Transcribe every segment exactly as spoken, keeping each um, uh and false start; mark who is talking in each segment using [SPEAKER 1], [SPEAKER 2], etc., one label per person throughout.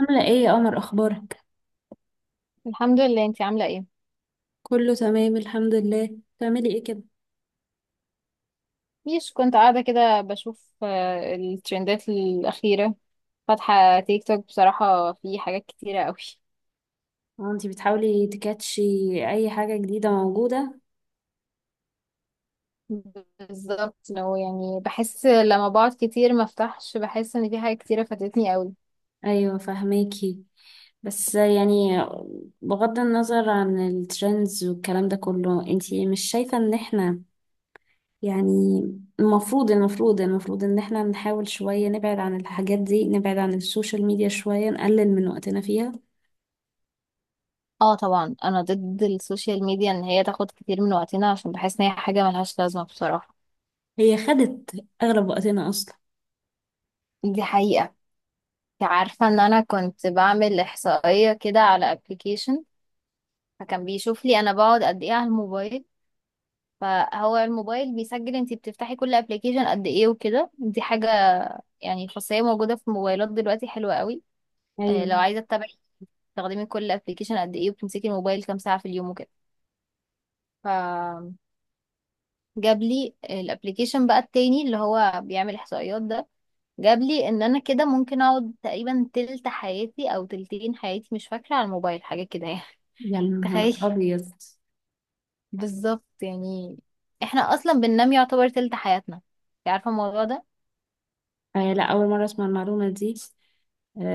[SPEAKER 1] عاملة ايه يا قمر، اخبارك؟
[SPEAKER 2] الحمد لله، انتي عاملة ايه؟
[SPEAKER 1] كله تمام الحمد لله. بتعملي ايه كده؟
[SPEAKER 2] مش كنت قاعدة كده بشوف آه، الترندات الأخيرة. فاتحة تيك توك، بصراحة في حاجات كتيرة قوي.
[SPEAKER 1] هو انتي بتحاولي تكاتشي اي حاجة جديدة موجودة؟
[SPEAKER 2] بالظبط، لو يعني بحس لما بقعد كتير ما افتحش، بحس ان في حاجات كتيرة فاتتني قوي.
[SPEAKER 1] ايوه فهماكي. بس يعني بغض النظر عن الترندز والكلام ده كله، انتي مش شايفة ان احنا، يعني، المفروض المفروض المفروض ان احنا نحاول شوية نبعد عن الحاجات دي، نبعد عن السوشيال ميديا شوية، نقلل من وقتنا فيها.
[SPEAKER 2] اه طبعا، انا ضد السوشيال ميديا ان هي تاخد كتير من وقتنا، عشان بحس ان هي حاجة ملهاش لازمة بصراحة.
[SPEAKER 1] هي خدت اغلب وقتنا اصلا.
[SPEAKER 2] دي حقيقة. انت عارفة ان انا كنت بعمل احصائية كده على ابلكيشن، فكان بيشوف لي انا بقعد قد ايه على الموبايل. فهو الموبايل بيسجل انتي بتفتحي كل ابلكيشن قد ايه وكده، دي حاجة يعني خاصية موجودة في موبايلات دلوقتي حلوة قوي. آه، لو
[SPEAKER 1] ايوه.
[SPEAKER 2] عايزة تتابعي تستخدمي كل ابلكيشن قد ايه وبتمسكي الموبايل كام ساعة في اليوم وكده، فجاب لي الابلكيشن بقى التاني اللي هو بيعمل احصائيات ده، جاب لي ان انا كده ممكن اقعد تقريبا تلت حياتي او تلتين حياتي، مش فاكرة، على الموبايل حاجة كده يعني.
[SPEAKER 1] يا نهار
[SPEAKER 2] تخيلي.
[SPEAKER 1] ابيض!
[SPEAKER 2] بالظبط يعني، احنا اصلا بننام يعتبر تلت حياتنا، انتي عارفة الموضوع ده؟
[SPEAKER 1] آه لا، أول مرة أسمع المعلومة دي.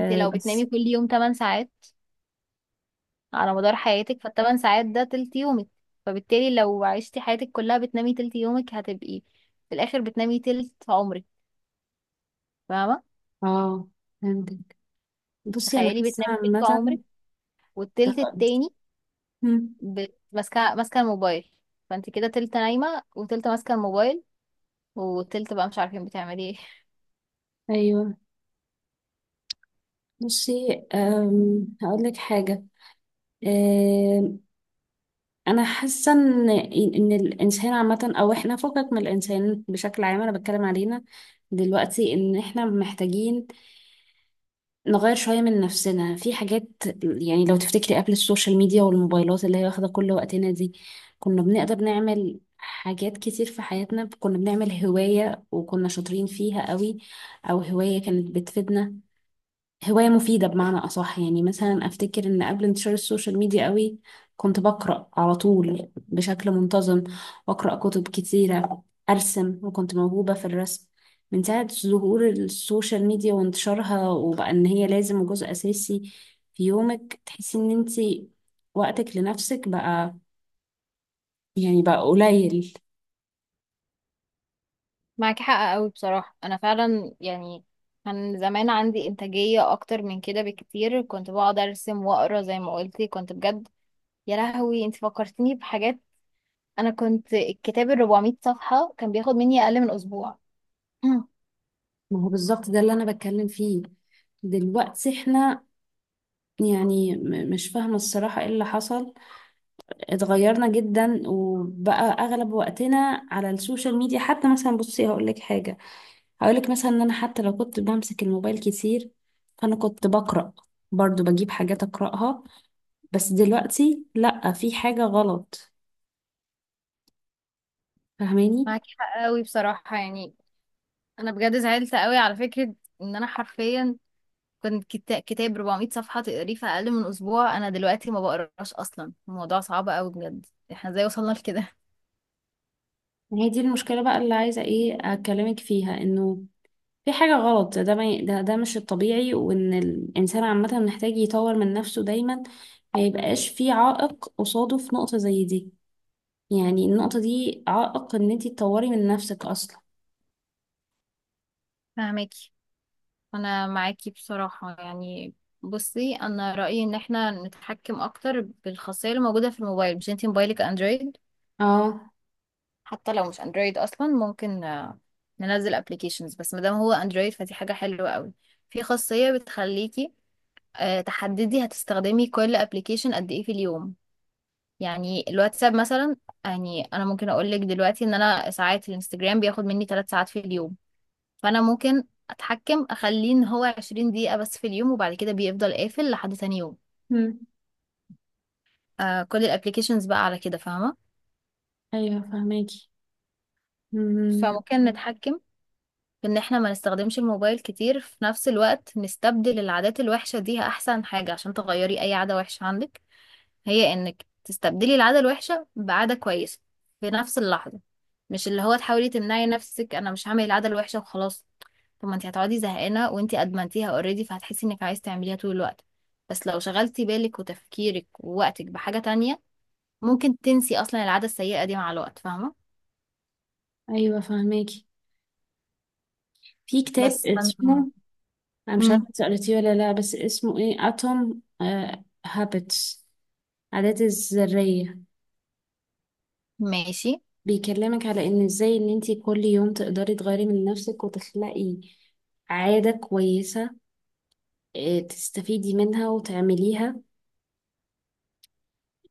[SPEAKER 2] انت لو بتنامي
[SPEAKER 1] بس.
[SPEAKER 2] كل يوم تمانية ساعات على مدار حياتك، فالثمان ساعات ده تلت يومك، فبالتالي لو عشتي حياتك كلها بتنامي تلت يومك، هتبقي في الاخر بتنامي تلت عمرك، فاهمه؟
[SPEAKER 1] اه فهمتك. بصي أنا
[SPEAKER 2] تخيلي
[SPEAKER 1] حاسة
[SPEAKER 2] بتنامي تلت
[SPEAKER 1] عامة.
[SPEAKER 2] عمرك، والتلت التاني
[SPEAKER 1] مم،
[SPEAKER 2] ب- ماسكه ماسكه الموبايل. فانت كده تلت نايمه وتلت ماسكه الموبايل، وتلت بقى مش عارفين بتعملي ايه.
[SPEAKER 1] أيوه. بصي هقول لك حاجة. آم، أنا حاسة إن إن الإنسان عامة، أو إحنا فكك من الإنسان بشكل عام، أنا بتكلم علينا دلوقتي، إن إحنا محتاجين نغير شوية من نفسنا في حاجات. يعني لو تفتكري قبل السوشيال ميديا والموبايلات اللي هي واخدة كل وقتنا دي، كنا بنقدر نعمل حاجات كتير في حياتنا. كنا بنعمل هواية وكنا شاطرين فيها قوي، أو هواية كانت بتفيدنا، هواية مفيدة بمعنى أصح. يعني مثلا أفتكر إن قبل انتشار السوشيال ميديا قوي، كنت بقرأ على طول بشكل منتظم، وأقرأ كتب كتيرة، أرسم وكنت موهوبة في الرسم. من ساعة ظهور السوشيال ميديا وانتشارها وبقى إن هي لازم وجزء أساسي في يومك، تحسي إن أنتي وقتك لنفسك بقى، يعني بقى قليل.
[SPEAKER 2] معاكي حق قوي بصراحه، انا فعلا يعني كان زمان عندي إنتاجية أكتر من كده بكتير، كنت بقعد أرسم وأقرأ زي ما قلتي، كنت بجد. يا لهوي، انت فكرتني بحاجات. انا كنت الكتاب ال أربعمية صفحة كان بياخد مني اقل من اسبوع. مم.
[SPEAKER 1] ما هو بالظبط ده اللي أنا بتكلم فيه. دلوقتي احنا، يعني، م- مش فاهمة الصراحة ايه اللي حصل. اتغيرنا جدا وبقى اغلب وقتنا على السوشيال ميديا. حتى مثلا بصي هقول لك حاجه، هقول لك مثلا ان انا حتى لو كنت بمسك الموبايل كتير، فانا كنت بقرا برضو، بجيب حاجات اقراها. بس دلوقتي لا، في حاجه غلط. فاهماني؟
[SPEAKER 2] معاكي حق قوي بصراحة يعني، أنا بجد زعلت قوي على فكرة إن أنا حرفيا كنت كتا- كتاب أربعمية صفحة تقريه في أقل من أسبوع. أنا دلوقتي ما بقراش أصلا، الموضوع صعب قوي بجد. احنا ازاي وصلنا لكده؟
[SPEAKER 1] هي دي المشكله بقى اللي عايزه ايه اكلمك فيها، انه في حاجة غلط. ده ما ي- ده ده مش الطبيعي، وإن الإنسان عامة محتاج يطور من نفسه دايما، ما يبقاش في عائق قصاده في نقطة زي دي. يعني النقطة دي عائق ان انتي تطوري من نفسك اصلا.
[SPEAKER 2] فهماكي. أنا معاكي بصراحة يعني. بصي، أنا رأيي إن احنا نتحكم أكتر بالخاصية اللي موجودة في الموبايل. مش انتي موبايلك أندرويد؟
[SPEAKER 1] اه.
[SPEAKER 2] حتى لو مش اندرويد اصلا ممكن آه، ننزل ابلكيشنز، بس مادام هو اندرويد فدي حاجه حلوه قوي. في خاصيه بتخليكي آه، تحددي هتستخدمي كل ابلكيشن قد ايه في اليوم. يعني الواتساب مثلا، يعني انا ممكن اقول لك دلوقتي ان انا ساعات الانستجرام بياخد مني تلاتة ساعات في اليوم. فانا ممكن اتحكم اخليه ان هو عشرين دقيقه بس في اليوم، وبعد كده بيفضل قافل لحد تاني يوم.
[SPEAKER 1] مم.
[SPEAKER 2] آه، كل الابلكيشنز بقى على كده، فاهمه؟
[SPEAKER 1] ايوه فهماكي. مم.
[SPEAKER 2] فممكن نتحكم ان احنا ما نستخدمش الموبايل كتير. في نفس الوقت نستبدل العادات الوحشة دي، احسن حاجة عشان تغيري اي عادة وحشة عندك هي انك تستبدلي العادة الوحشة بعادة كويسة في نفس اللحظة، مش اللي هو تحاولي تمنعي نفسك انا مش هعمل العادة الوحشة وخلاص. طب ما انت هتقعدي زهقانة وانت ادمنتيها اوريدي، فهتحسي انك عايز تعمليها طول الوقت. بس لو شغلتي بالك وتفكيرك ووقتك بحاجة تانية، ممكن تنسي اصلا العادة السيئة دي مع الوقت، فاهمة؟
[SPEAKER 1] ايوه فهماكي. في كتاب
[SPEAKER 2] بس فانت.
[SPEAKER 1] اسمه، انا مش عارفة
[SPEAKER 2] مم.
[SPEAKER 1] إنتي قريتيه ولا لا، بس اسمه ايه، اتوم هابتس، عادات الذرية.
[SPEAKER 2] ماشي.
[SPEAKER 1] بيكلمك على ان ازاي ان انتي كل يوم تقدري تغيري من نفسك وتخلقي عادة كويسة، آه، تستفيدي منها وتعمليها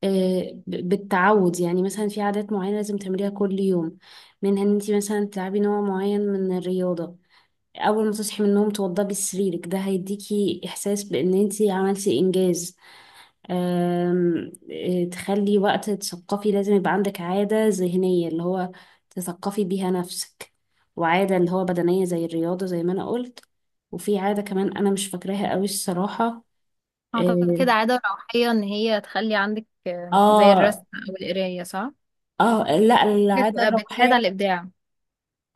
[SPEAKER 1] آه، ب- بالتعود. يعني مثلا في عادات معينة لازم تعمليها كل يوم، منها ان انتي مثلا تلعبي نوع معين من الرياضة. اول ما تصحي من النوم توضبي سريرك، ده هيديكي احساس بان انتي عملتي انجاز. آم، آه، تخلي وقت تثقفي، لازم يبقى عندك عادة ذهنية اللي هو تثقفي بيها نفسك، وعادة اللي هو بدنية زي الرياضة زي ما انا قلت. وفي عادة كمان انا مش فاكراها قوي الصراحة.
[SPEAKER 2] اعتقد عادة روحية ان هي تخلي عندك آه، زي الرسم
[SPEAKER 1] اه.
[SPEAKER 2] او القراية، صح؟
[SPEAKER 1] اه آه، لا، العادة
[SPEAKER 2] بتبقى بتساعد على
[SPEAKER 1] الروحية.
[SPEAKER 2] الابداع.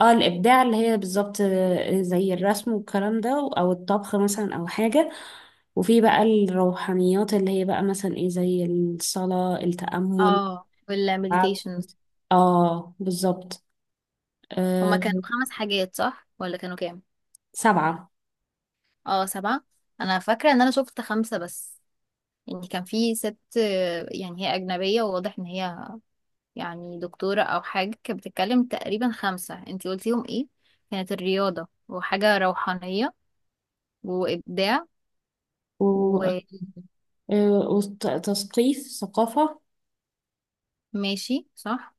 [SPEAKER 1] اه الابداع، اللي هي بالظبط آه، زي الرسم والكلام ده، او الطبخ مثلا، او حاجه. وفي بقى الروحانيات اللي هي بقى مثلا ايه، زي الصلاه، التامل،
[SPEAKER 2] اه، والمديتيشن.
[SPEAKER 1] التعبد. اه بالظبط.
[SPEAKER 2] هما
[SPEAKER 1] آه
[SPEAKER 2] كانوا خمس حاجات، صح؟ ولا كانوا كام؟
[SPEAKER 1] سبعه.
[SPEAKER 2] اه، سبعة. انا فاكرة ان انا شفت خمسة بس. يعني كان في ست، آه، يعني هي اجنبية وواضح ان هي يعني دكتورة او حاجة، كانت بتتكلم تقريبا خمسة. انتي قلتيهم ايه؟ كانت الرياضة وحاجة روحانية وابداع،
[SPEAKER 1] و...
[SPEAKER 2] وماشي،
[SPEAKER 1] آه وتثقيف، ثقافه.
[SPEAKER 2] صح؟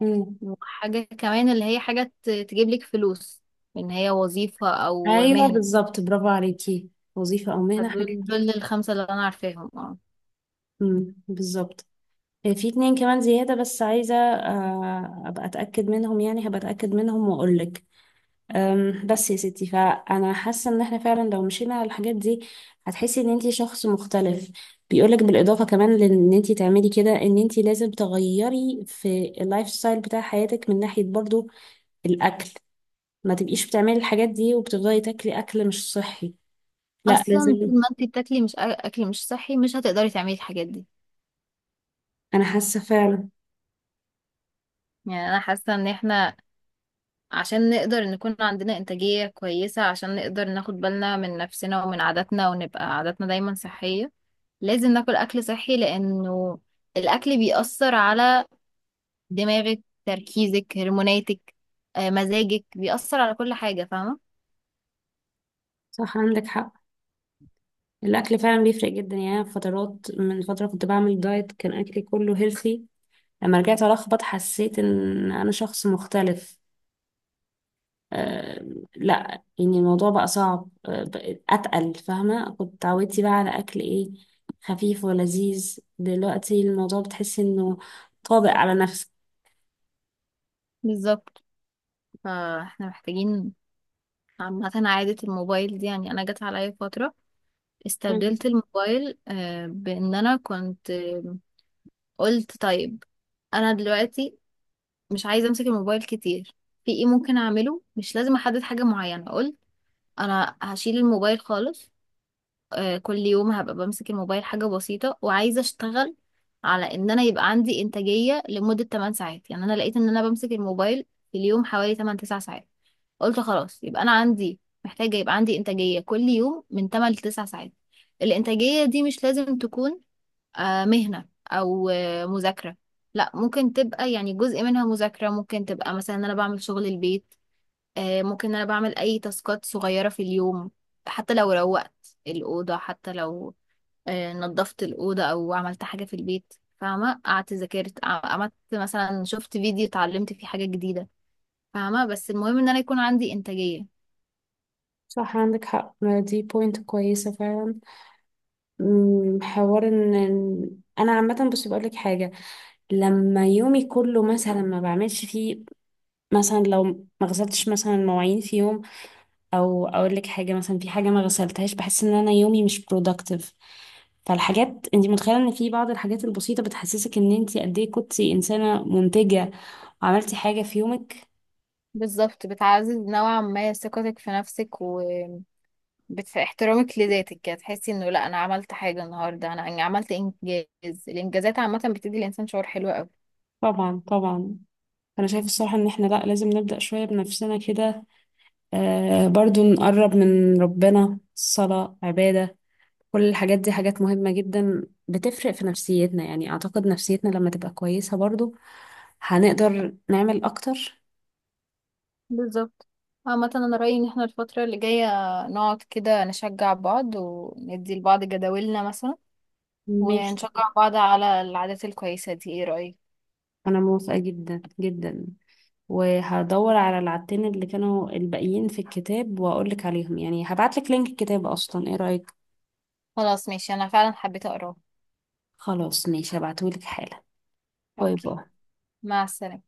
[SPEAKER 1] مم.
[SPEAKER 2] وحاجة كمان اللي هي حاجة ت- تجيب لك فلوس، ان هي وظيفة او
[SPEAKER 1] ايوه
[SPEAKER 2] مهنة.
[SPEAKER 1] بالظبط، برافو عليكي. وظيفه او مهنه، حاجه
[SPEAKER 2] فدول دول
[SPEAKER 1] كده.
[SPEAKER 2] الخمسة اللي انا عارفاهم اه.
[SPEAKER 1] مم، بالظبط. آه، في اتنين كمان زياده، بس عايزه آه، ابقى اتاكد منهم، يعني هبقى اتاكد منهم واقول لك. أم، بس يا ستي، فانا حاسه ان احنا فعلا لو مشينا على الحاجات دي، هتحسي ان انتي شخص مختلف. بيقولك بالاضافه كمان لان انتي تعملي كده، ان انتي لازم تغيري في اللايف ستايل بتاع حياتك، من ناحيه برضو الاكل. ما تبقيش بتعملي الحاجات دي وبتفضلي تاكلي اكل مش صحي، لا
[SPEAKER 2] اصلا
[SPEAKER 1] لازم.
[SPEAKER 2] طول ما انت بتاكلي مش أ- اكل مش صحي، مش هتقدري تعملي الحاجات دي.
[SPEAKER 1] انا حاسه فعلا.
[SPEAKER 2] يعني انا حاسة ان احنا عشان نقدر نكون عندنا انتاجية كويسة، عشان نقدر ناخد بالنا من نفسنا ومن عاداتنا ونبقى عاداتنا دايما صحية، لازم ناكل اكل صحي، لانه الاكل بيأثر على دماغك، تركيزك، هرموناتك، آه، مزاجك، بيأثر على كل حاجة، فاهمة؟
[SPEAKER 1] صح عندك حق، الاكل فعلا بيفرق جدا. يعني أنا في فترات، من فتره كنت بعمل دايت، كان اكلي كله هيلثي. لما رجعت الخبط، حسيت ان انا شخص مختلف. آه، لا يعني الموضوع بقى صعب، آه، بقى اتقل. فاهمه؟ كنت اتعودتي بقى على اكل ايه، خفيف ولذيذ، دلوقتي الموضوع بتحسي انه طابق على نفسك.
[SPEAKER 2] بالظبط. فاحنا محتاجين عامة عادة الموبايل دي، يعني أنا جت عليا فترة
[SPEAKER 1] مم.
[SPEAKER 2] استبدلت الموبايل آه، بإن أنا كنت آه، قلت طيب، أنا دلوقتي مش عايزة أمسك الموبايل كتير. في إيه ممكن أعمله؟ مش لازم أحدد حاجة معينة. قلت أنا هشيل الموبايل خالص. آه، كل يوم هبقى بمسك الموبايل حاجة بسيطة، وعايزة اشتغل على ان انا يبقى عندي انتاجية لمدة تمن ساعات. يعني انا لقيت ان انا بمسك الموبايل في اليوم حوالي تمانية تسعة ساعات. قلت خلاص، يبقى انا عندي، محتاجة يبقى عندي انتاجية كل يوم من تمانية ل تسعة ساعات. الانتاجية دي مش لازم تكون آه، مهنة او آه، مذاكرة. لا، ممكن تبقى يعني جزء منها مذاكرة، ممكن تبقى مثلا ان انا بعمل شغل البيت. آه، ممكن انا بعمل اي تاسكات صغيرة في اليوم، حتى لو روقت الأوضة، حتى لو آه، نظفت الأوضة او عملت حاجة في البيت. فاهمة، قعدت ذاكرت، ع- عملت مثلا شفت فيديو اتعلمت فيه حاجة جديدة. فاهمة، بس المهم ان انا يكون عندي إنتاجية.
[SPEAKER 1] صح عندك حق، ما دي بوينت كويسة فعلا. مم، حوار ان إن- انا عامة بس بقول لك حاجة، لما يومي كله مثلا ما بعملش فيه، مثلا لو ما غسلتش مثلا المواعين في يوم، او اقول لك حاجه مثلا، في حاجه ما غسلتهاش، بحس ان انا يومي مش productive. فالحاجات انت متخيله ان في بعض الحاجات البسيطه بتحسسك ان انت قد ايه كنتي انسانه منتجه وعملتي حاجه في يومك.
[SPEAKER 2] بالظبط، بتعزز نوعا ما ثقتك في نفسك وباحترامك لذاتك كده، تحسي انه لا انا عملت حاجة النهاردة. انا أنا عملت انجاز، الانجازات عامة بتدي الانسان شعور حلو قوي.
[SPEAKER 1] طبعا طبعا. انا شايفه الصراحه ان احنا لا، لازم نبدا شويه بنفسنا كده. آه برضو نقرب من ربنا، صلاه، عباده، كل الحاجات دي حاجات مهمه جدا، بتفرق في نفسيتنا. يعني اعتقد نفسيتنا لما تبقى كويسه، برضو هنقدر نعمل اكتر.
[SPEAKER 2] بالظبط. عامة أنا رأيي إن احنا الفترة اللي جاية نقعد كده نشجع بعض، وندي لبعض جداولنا مثلا،
[SPEAKER 1] ماشي،
[SPEAKER 2] ونشجع بعض على العادات الكويسة دي. ايه رأيك؟
[SPEAKER 1] انا موافقة جدا جدا. وهدور على العدتين اللي كانوا الباقيين في الكتاب واقولك عليهم، يعني هبعتلك لينك الكتاب اصلا، ايه رأيك؟
[SPEAKER 2] خلاص ماشي، أنا فعلا حبيت أقراه.
[SPEAKER 1] خلاص ماشي، هبعتهولك حالا. باي
[SPEAKER 2] أوكي،
[SPEAKER 1] باي.
[SPEAKER 2] مع السلامة.